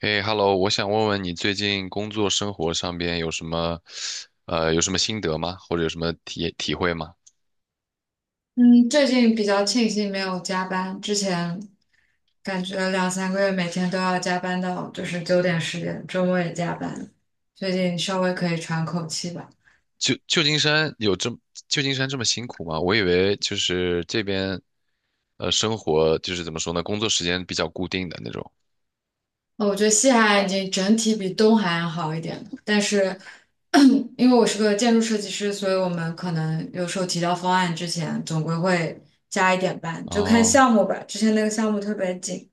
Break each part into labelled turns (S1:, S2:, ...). S1: 哎，Hello，我想问问你最近工作生活上边有什么，有什么心得吗？或者有什么体会吗？
S2: 嗯，最近比较庆幸没有加班，之前感觉两三个月每天都要加班到就是9点10点，周末也加班，最近稍微可以喘口气吧。
S1: 旧旧金山有这么旧金山这么辛苦吗？我以为就是这边生活就是怎么说呢，工作时间比较固定的那种。
S2: 我觉得西海岸已经整体比东海岸好一点了，但是 因为我是个建筑设计师，所以我们可能有时候提交方案之前，总归会加一点班，就看
S1: 哦
S2: 项目吧。之前那个项目特别紧。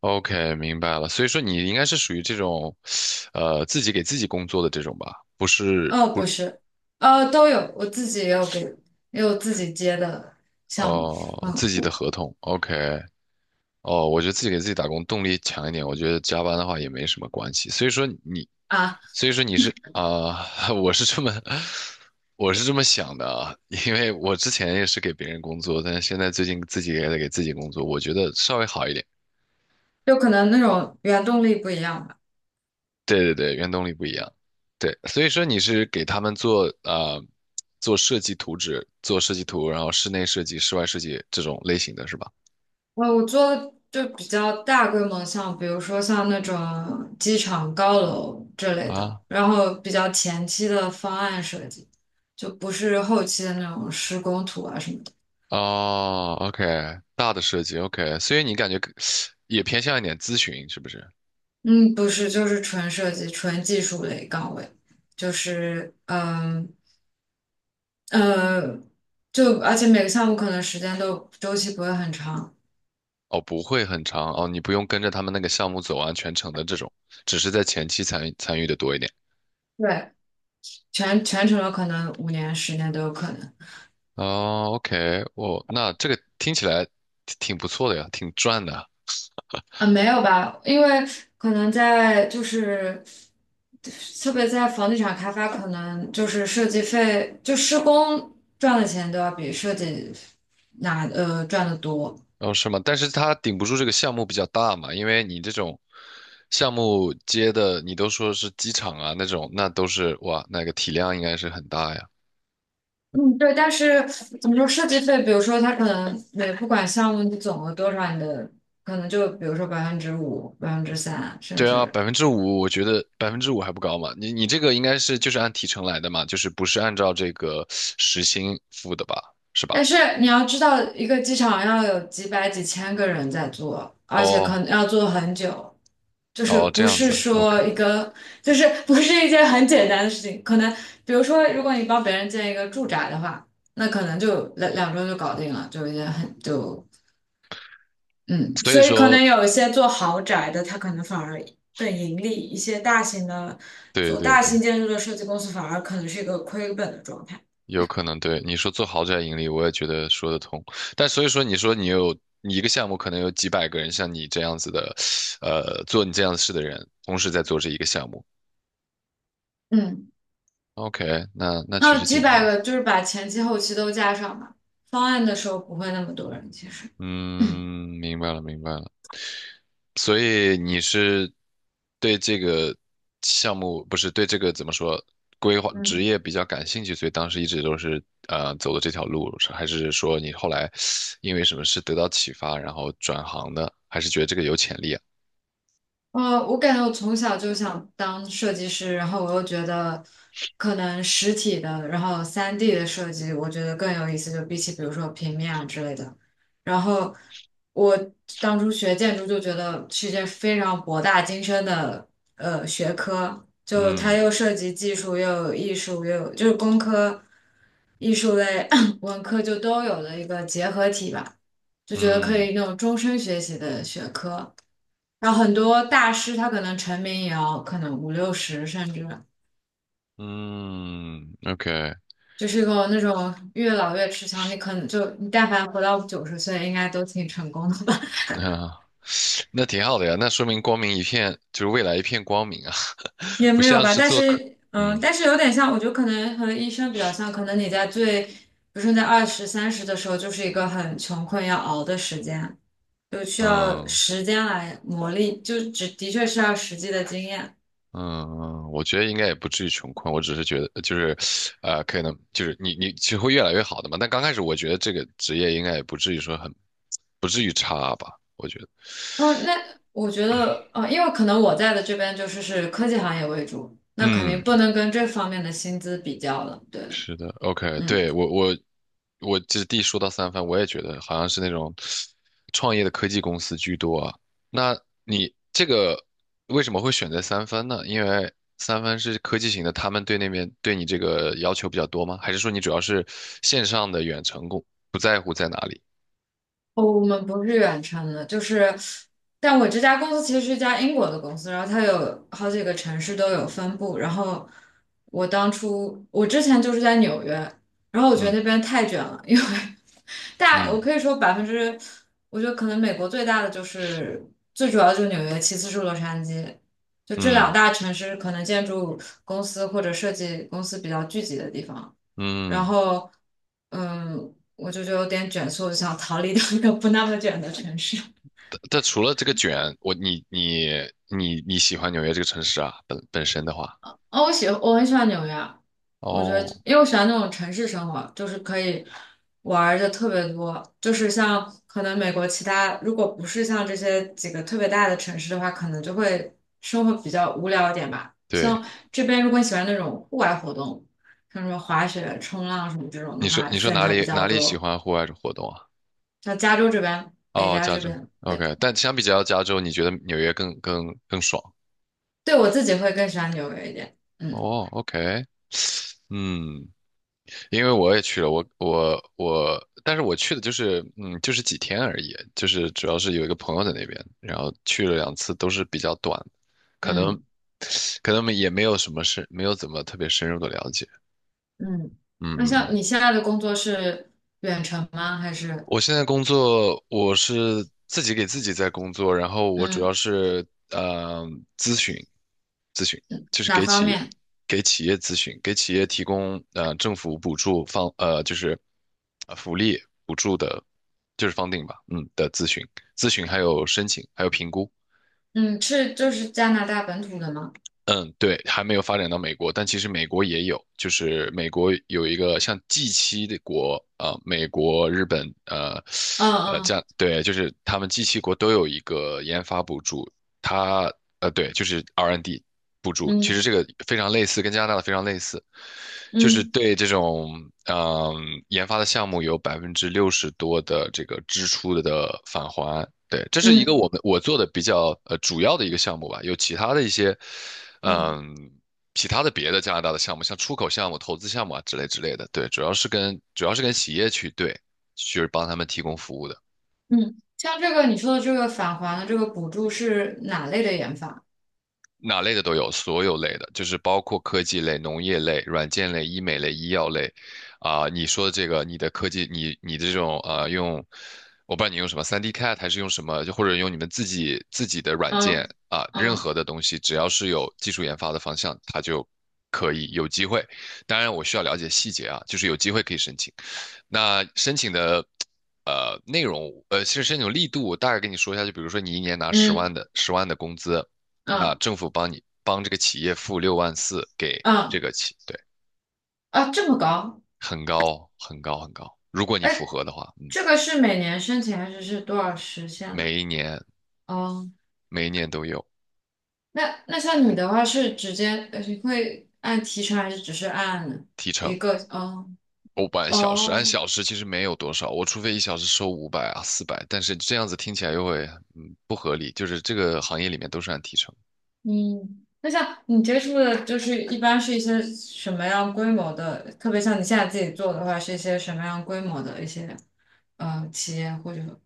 S1: ，OK，明白了。所以说你应该是属于这种，自己给自己工作的这种吧？不是
S2: 哦，
S1: 不
S2: 不是，都有，我自己也有给，也有自己接的项目。
S1: 哦，
S2: 嗯。
S1: 自己的合同。OK，哦，我觉得自己给自己打工动力强一点，我觉得加班的话也没什么关系。
S2: 啊，
S1: 所以说你是啊、我是这么想的啊，因为我之前也是给别人工作，但是现在最近自己也在给自己工作，我觉得稍微好一点。
S2: 就可能那种原动力不一样吧。
S1: 对对对，原动力不一样。对，所以说你是给他们做设计图纸，做设计图，然后室内设计、室外设计这种类型的是吧？
S2: 我做就比较大规模，像比如说像那种机场高楼这类的，
S1: 啊，
S2: 然后比较前期的方案设计，就不是后期的那种施工图啊什么的。
S1: 哦，OK，大的设计，OK，所以你感觉更也偏向一点咨询，是不是？
S2: 嗯，不是，就是纯设计、纯技术类岗位，就是呃，就而且每个项目可能时间都周期不会很长。
S1: 哦，不会很长哦，你不用跟着他们那个项目走完全程的这种，只是在前期参与参与的多一点。
S2: 对，全程有可能5年、10年都有可能。
S1: 哦，OK，哦，那这个听起来挺不错的呀，挺赚的。
S2: 啊，没有吧？因为可能在就是，特别在房地产开发，可能就是设计费，就施工赚的钱都要比设计拿赚的多。
S1: 哦，是吗？但是它顶不住这个项目比较大嘛，因为你这种项目接的，你都说是机场啊那种，那都是哇，那个体量应该是很大呀。
S2: 嗯，对，但是怎么说设计费？比如说，它可能每不管项目你总额多少，你的可能就比如说5%、3%，甚
S1: 对啊，
S2: 至
S1: 百分之五，我觉得百分之五还不高嘛。你这个应该是就是按提成来的嘛，就是不是按照这个时薪付的吧？是吧？
S2: 但是你要知道，一个机场要有几百几千个人在做，而且可能
S1: 哦
S2: 要做很久，就是
S1: 哦，这
S2: 不
S1: 样
S2: 是
S1: 子，OK。
S2: 说一个，就是不是一件很简单的事情。可能比如说，如果你帮别人建一个住宅的话，那可能就两周就搞定了，就一件很就嗯，
S1: 所以
S2: 所以可
S1: 说，
S2: 能有一些做豪宅的，他可能反而更盈利；一些大型的
S1: 对
S2: 做
S1: 对
S2: 大
S1: 对，
S2: 型建筑的设计公司，反而可能是一个亏本的状态。
S1: 有可能对你说做豪宅盈利，我也觉得说得通。但所以说，你一个项目可能有几百个人像你这样子的，做你这样的事的人，同时在做这一个项目。
S2: 嗯。
S1: OK，那那其
S2: 那
S1: 实
S2: 几
S1: 竞
S2: 百
S1: 争，
S2: 个，就是把前期后期都加上吧。方案的时候不会那么多人，其实。
S1: 嗯，明白了明白了。所以你是对这个项目，不是对这个怎么说，规划职
S2: 嗯。
S1: 业比较感兴趣，所以当时一直都是走的这条路，是还是说你后来因为什么事得到启发，然后转行的，还是觉得这个有潜力啊？
S2: 我感觉我从小就想当设计师，然后我又觉得可能实体的，然后3D 的设计，我觉得更有意思，就比起比如说平面啊之类的。然后我当初学建筑就觉得是一件非常博大精深的学科，就它
S1: 嗯
S2: 又涉及技术，又有艺术，又有就是工科、艺术类、文科就都有的一个结合体吧，就觉得可
S1: 嗯
S2: 以那种终身学习的学科。然后很多大师他可能成名也要可能五六十，甚至
S1: 嗯，OK，
S2: 就是一个那种越老越吃香。你可能就你但凡活到90岁，应该都挺成功的吧？
S1: 那那挺好的呀，那说明光明一片，就是未来一片光明啊，
S2: 也
S1: 不
S2: 没有
S1: 像
S2: 吧，
S1: 是
S2: 但
S1: 做客，
S2: 是，
S1: 嗯
S2: 但是有点像，我觉得可能和医生比较像，可能你在最，比如说你在二十三十的时候，就是一个很穷困要熬的时间，就需要
S1: 嗯。
S2: 时间来磨砺，就只的确是要实际的经验。
S1: 嗯，我觉得应该也不至于穷困，我只是觉得就是，可能就是你其实会越来越好的嘛。但刚开始我觉得这个职业应该也不至于说很，不至于差吧，我觉得。
S2: 哦，那我觉得，哦，因为可能我在的这边就是是科技行业为主，那肯定
S1: 嗯，
S2: 不能跟这方面的薪资比较了。对，
S1: 是的，OK，
S2: 嗯。
S1: 对，我这第一说到三分，我也觉得好像是那种创业的科技公司居多啊。那你这个为什么会选择三分呢？因为三分是科技型的，他们对那边对你这个要求比较多吗？还是说你主要是线上的远程工，不在乎在哪里？
S2: 哦，我们不是远程的，就是，但我这家公司其实是一家英国的公司，然后它有好几个城市都有分部。然后我当初，我之前就是在纽约，然后我觉得
S1: 嗯
S2: 那边太卷了，因为 大，
S1: 嗯
S2: 我可以说百分之，我觉得可能美国最大的就是最主要的就是纽约，其次是洛杉矶，就这两
S1: 嗯
S2: 大城市可能建筑公司或者设计公司比较聚集的地方。然
S1: 嗯。
S2: 后，我就有点卷，所以我就想逃离到一个不那么卷的城市。
S1: 但除了这个卷，我你你你你喜欢纽约这个城市啊，本身的话，
S2: 哦，我很喜欢纽约啊，我觉得
S1: 哦，
S2: 因为我喜欢那种城市生活，就是可以玩儿的特别多。就是像可能美国其他，如果不是像这些几个特别大的城市的话，可能就会生活比较无聊一点吧。
S1: 对。
S2: 像这边，如果你喜欢那种户外活动，像什么滑雪、冲浪什么这种
S1: 你
S2: 的
S1: 说
S2: 话，
S1: 你说
S2: 选
S1: 哪
S2: 择比
S1: 里
S2: 较
S1: 哪里喜
S2: 多。
S1: 欢户外活动啊？
S2: 像加州这边，北
S1: 哦，
S2: 加
S1: 加
S2: 这
S1: 州
S2: 边。对。
S1: ，OK。但相比较加州，你觉得纽约更爽？
S2: 对我自己会更喜欢纽约一点。嗯
S1: 哦，OK，嗯，因为我也去了，我我我，但是我去的就是几天而已，就是主要是有一个朋友在那边，然后去了两次，都是比较短，可能
S2: 嗯
S1: 可能也没有什么深，没有怎么特别深入的了解。
S2: 嗯，那
S1: 嗯，
S2: 像你现在的工作是远程吗？还是
S1: 我现在工作，我是自己给自己在工作，然后我主要
S2: 嗯
S1: 是呃咨询，咨询就是
S2: 哪
S1: 给
S2: 方
S1: 企业
S2: 面？
S1: 给企业咨询，给企业提供政府补助方就是福利补助的，就是 f u 吧，的咨询还有申请还有评估。
S2: 嗯，是就是加拿大本土的吗？
S1: 嗯，对，还没有发展到美国，但其实美国也有，就是美国有一个像 g 七的国，啊，美国、日本，
S2: 嗯
S1: 这样，
S2: 嗯
S1: 对，就是他们 g 七国都有一个研发补助，它，对，就是 R&D N 补助，其实
S2: 嗯
S1: 这个非常类似，跟加拿大的非常类似，就是
S2: 嗯
S1: 对这种，嗯、研发的项目有60%多的这个支出的返还。对，这是一个
S2: 嗯
S1: 我做的比较主要的一个项目吧，有
S2: 嗯
S1: 嗯，其他的别的加拿大的项目，像出口项目、投资项目啊之类之类的，对，主要是跟企业去对，就是帮他们提供服务的。
S2: 嗯，像这个你说的这个返还的这个补助是哪类的研发？
S1: 哪类的都有，所有类的，就是包括科技类、农业类、软件类、医美类、医药类，啊、你说的这个，你的科技，你的这种用，我不知道你用什么 3D CAD 还是用什么，就或者用你们自己的软件
S2: 嗯
S1: 啊、任
S2: 嗯
S1: 何的东西，只要是有技术研发的方向，它就可以有机会。当然，我需要了解细节啊，就是有机会可以申请。那申请的内容，其实申请力度，我大概跟你说一下，就比如说你一年拿
S2: 嗯
S1: 十万的工资，那
S2: 嗯
S1: 政府帮这个企业付6.4万给这
S2: 嗯
S1: 个企，对，
S2: 啊，这么高？
S1: 很高很高很高。如果你符
S2: 哎，
S1: 合的话，嗯，
S2: 这个是每年申请还是多少时限呢？
S1: 每一年
S2: 哦。
S1: 每一年都有
S2: 那像你的话是直接，你会按提成还是只是按
S1: 提成。
S2: 一个？哦
S1: 不按小时按
S2: 哦，
S1: 小时其实没有多少，我除非一小时收500啊400 4 0但是这样子听起来又会不合理，就是这个行业里面都是按提成。
S2: 嗯，那像你接触的，就是一般是一些什么样规模的？特别像你现在自己做的话，是一些什么样规模的一些企业或者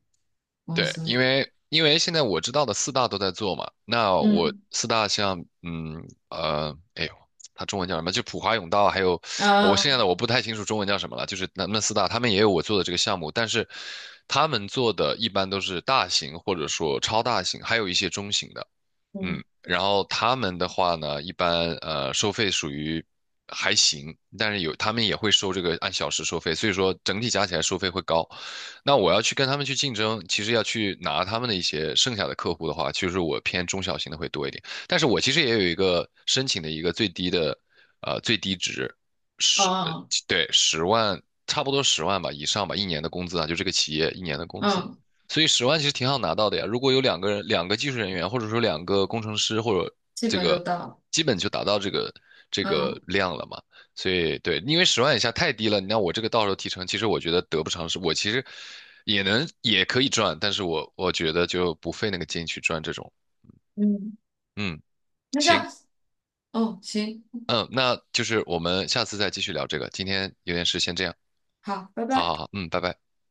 S2: 公
S1: 对，因
S2: 司？
S1: 为因为现在我知道的四大都在做嘛，那我
S2: 嗯
S1: 四大像哎呦，它中文叫什么？就普华永道，还有我现在
S2: 嗯
S1: 的我不太清楚中文叫什么了，就是那四大，他们也有我做的这个项目，但是他们做的一般都是大型或者说超大型，还有一些中型的。嗯，
S2: 嗯
S1: 然后他们的话呢，一般收费属于还行，但是有他们也会收这个按小时收费，所以说整体加起来收费会高。那我要去跟他们去竞争，其实要去拿他们的一些剩下的客户的话，其实我偏中小型的会多一点。但是我其实也有一个申请的一个最低的最低值十呃
S2: 哦
S1: 对，十万，差不多十万吧以上吧，一年的工资啊，就这个企业一年的工资。
S2: 嗯，
S1: 所以十万其实挺好拿到的呀。如果有两个人、两个技术人员，或者说两个工程师，或者
S2: 基
S1: 这
S2: 本就
S1: 个，
S2: 到了
S1: 基本就达到这个
S2: 嗯
S1: 量了嘛。所以对，因为十万以下太低了，你让我这个到时候提成，其实我觉得得不偿失。我其实也可以赚，但是我觉得就不费那个劲去赚这种。
S2: 嗯，
S1: 嗯，
S2: 那
S1: 行，
S2: 像哦行，
S1: 嗯，那就是我们下次再继续聊这个。今天有点事，先这样。
S2: 好，拜
S1: 好
S2: 拜。
S1: 好好，嗯，拜拜。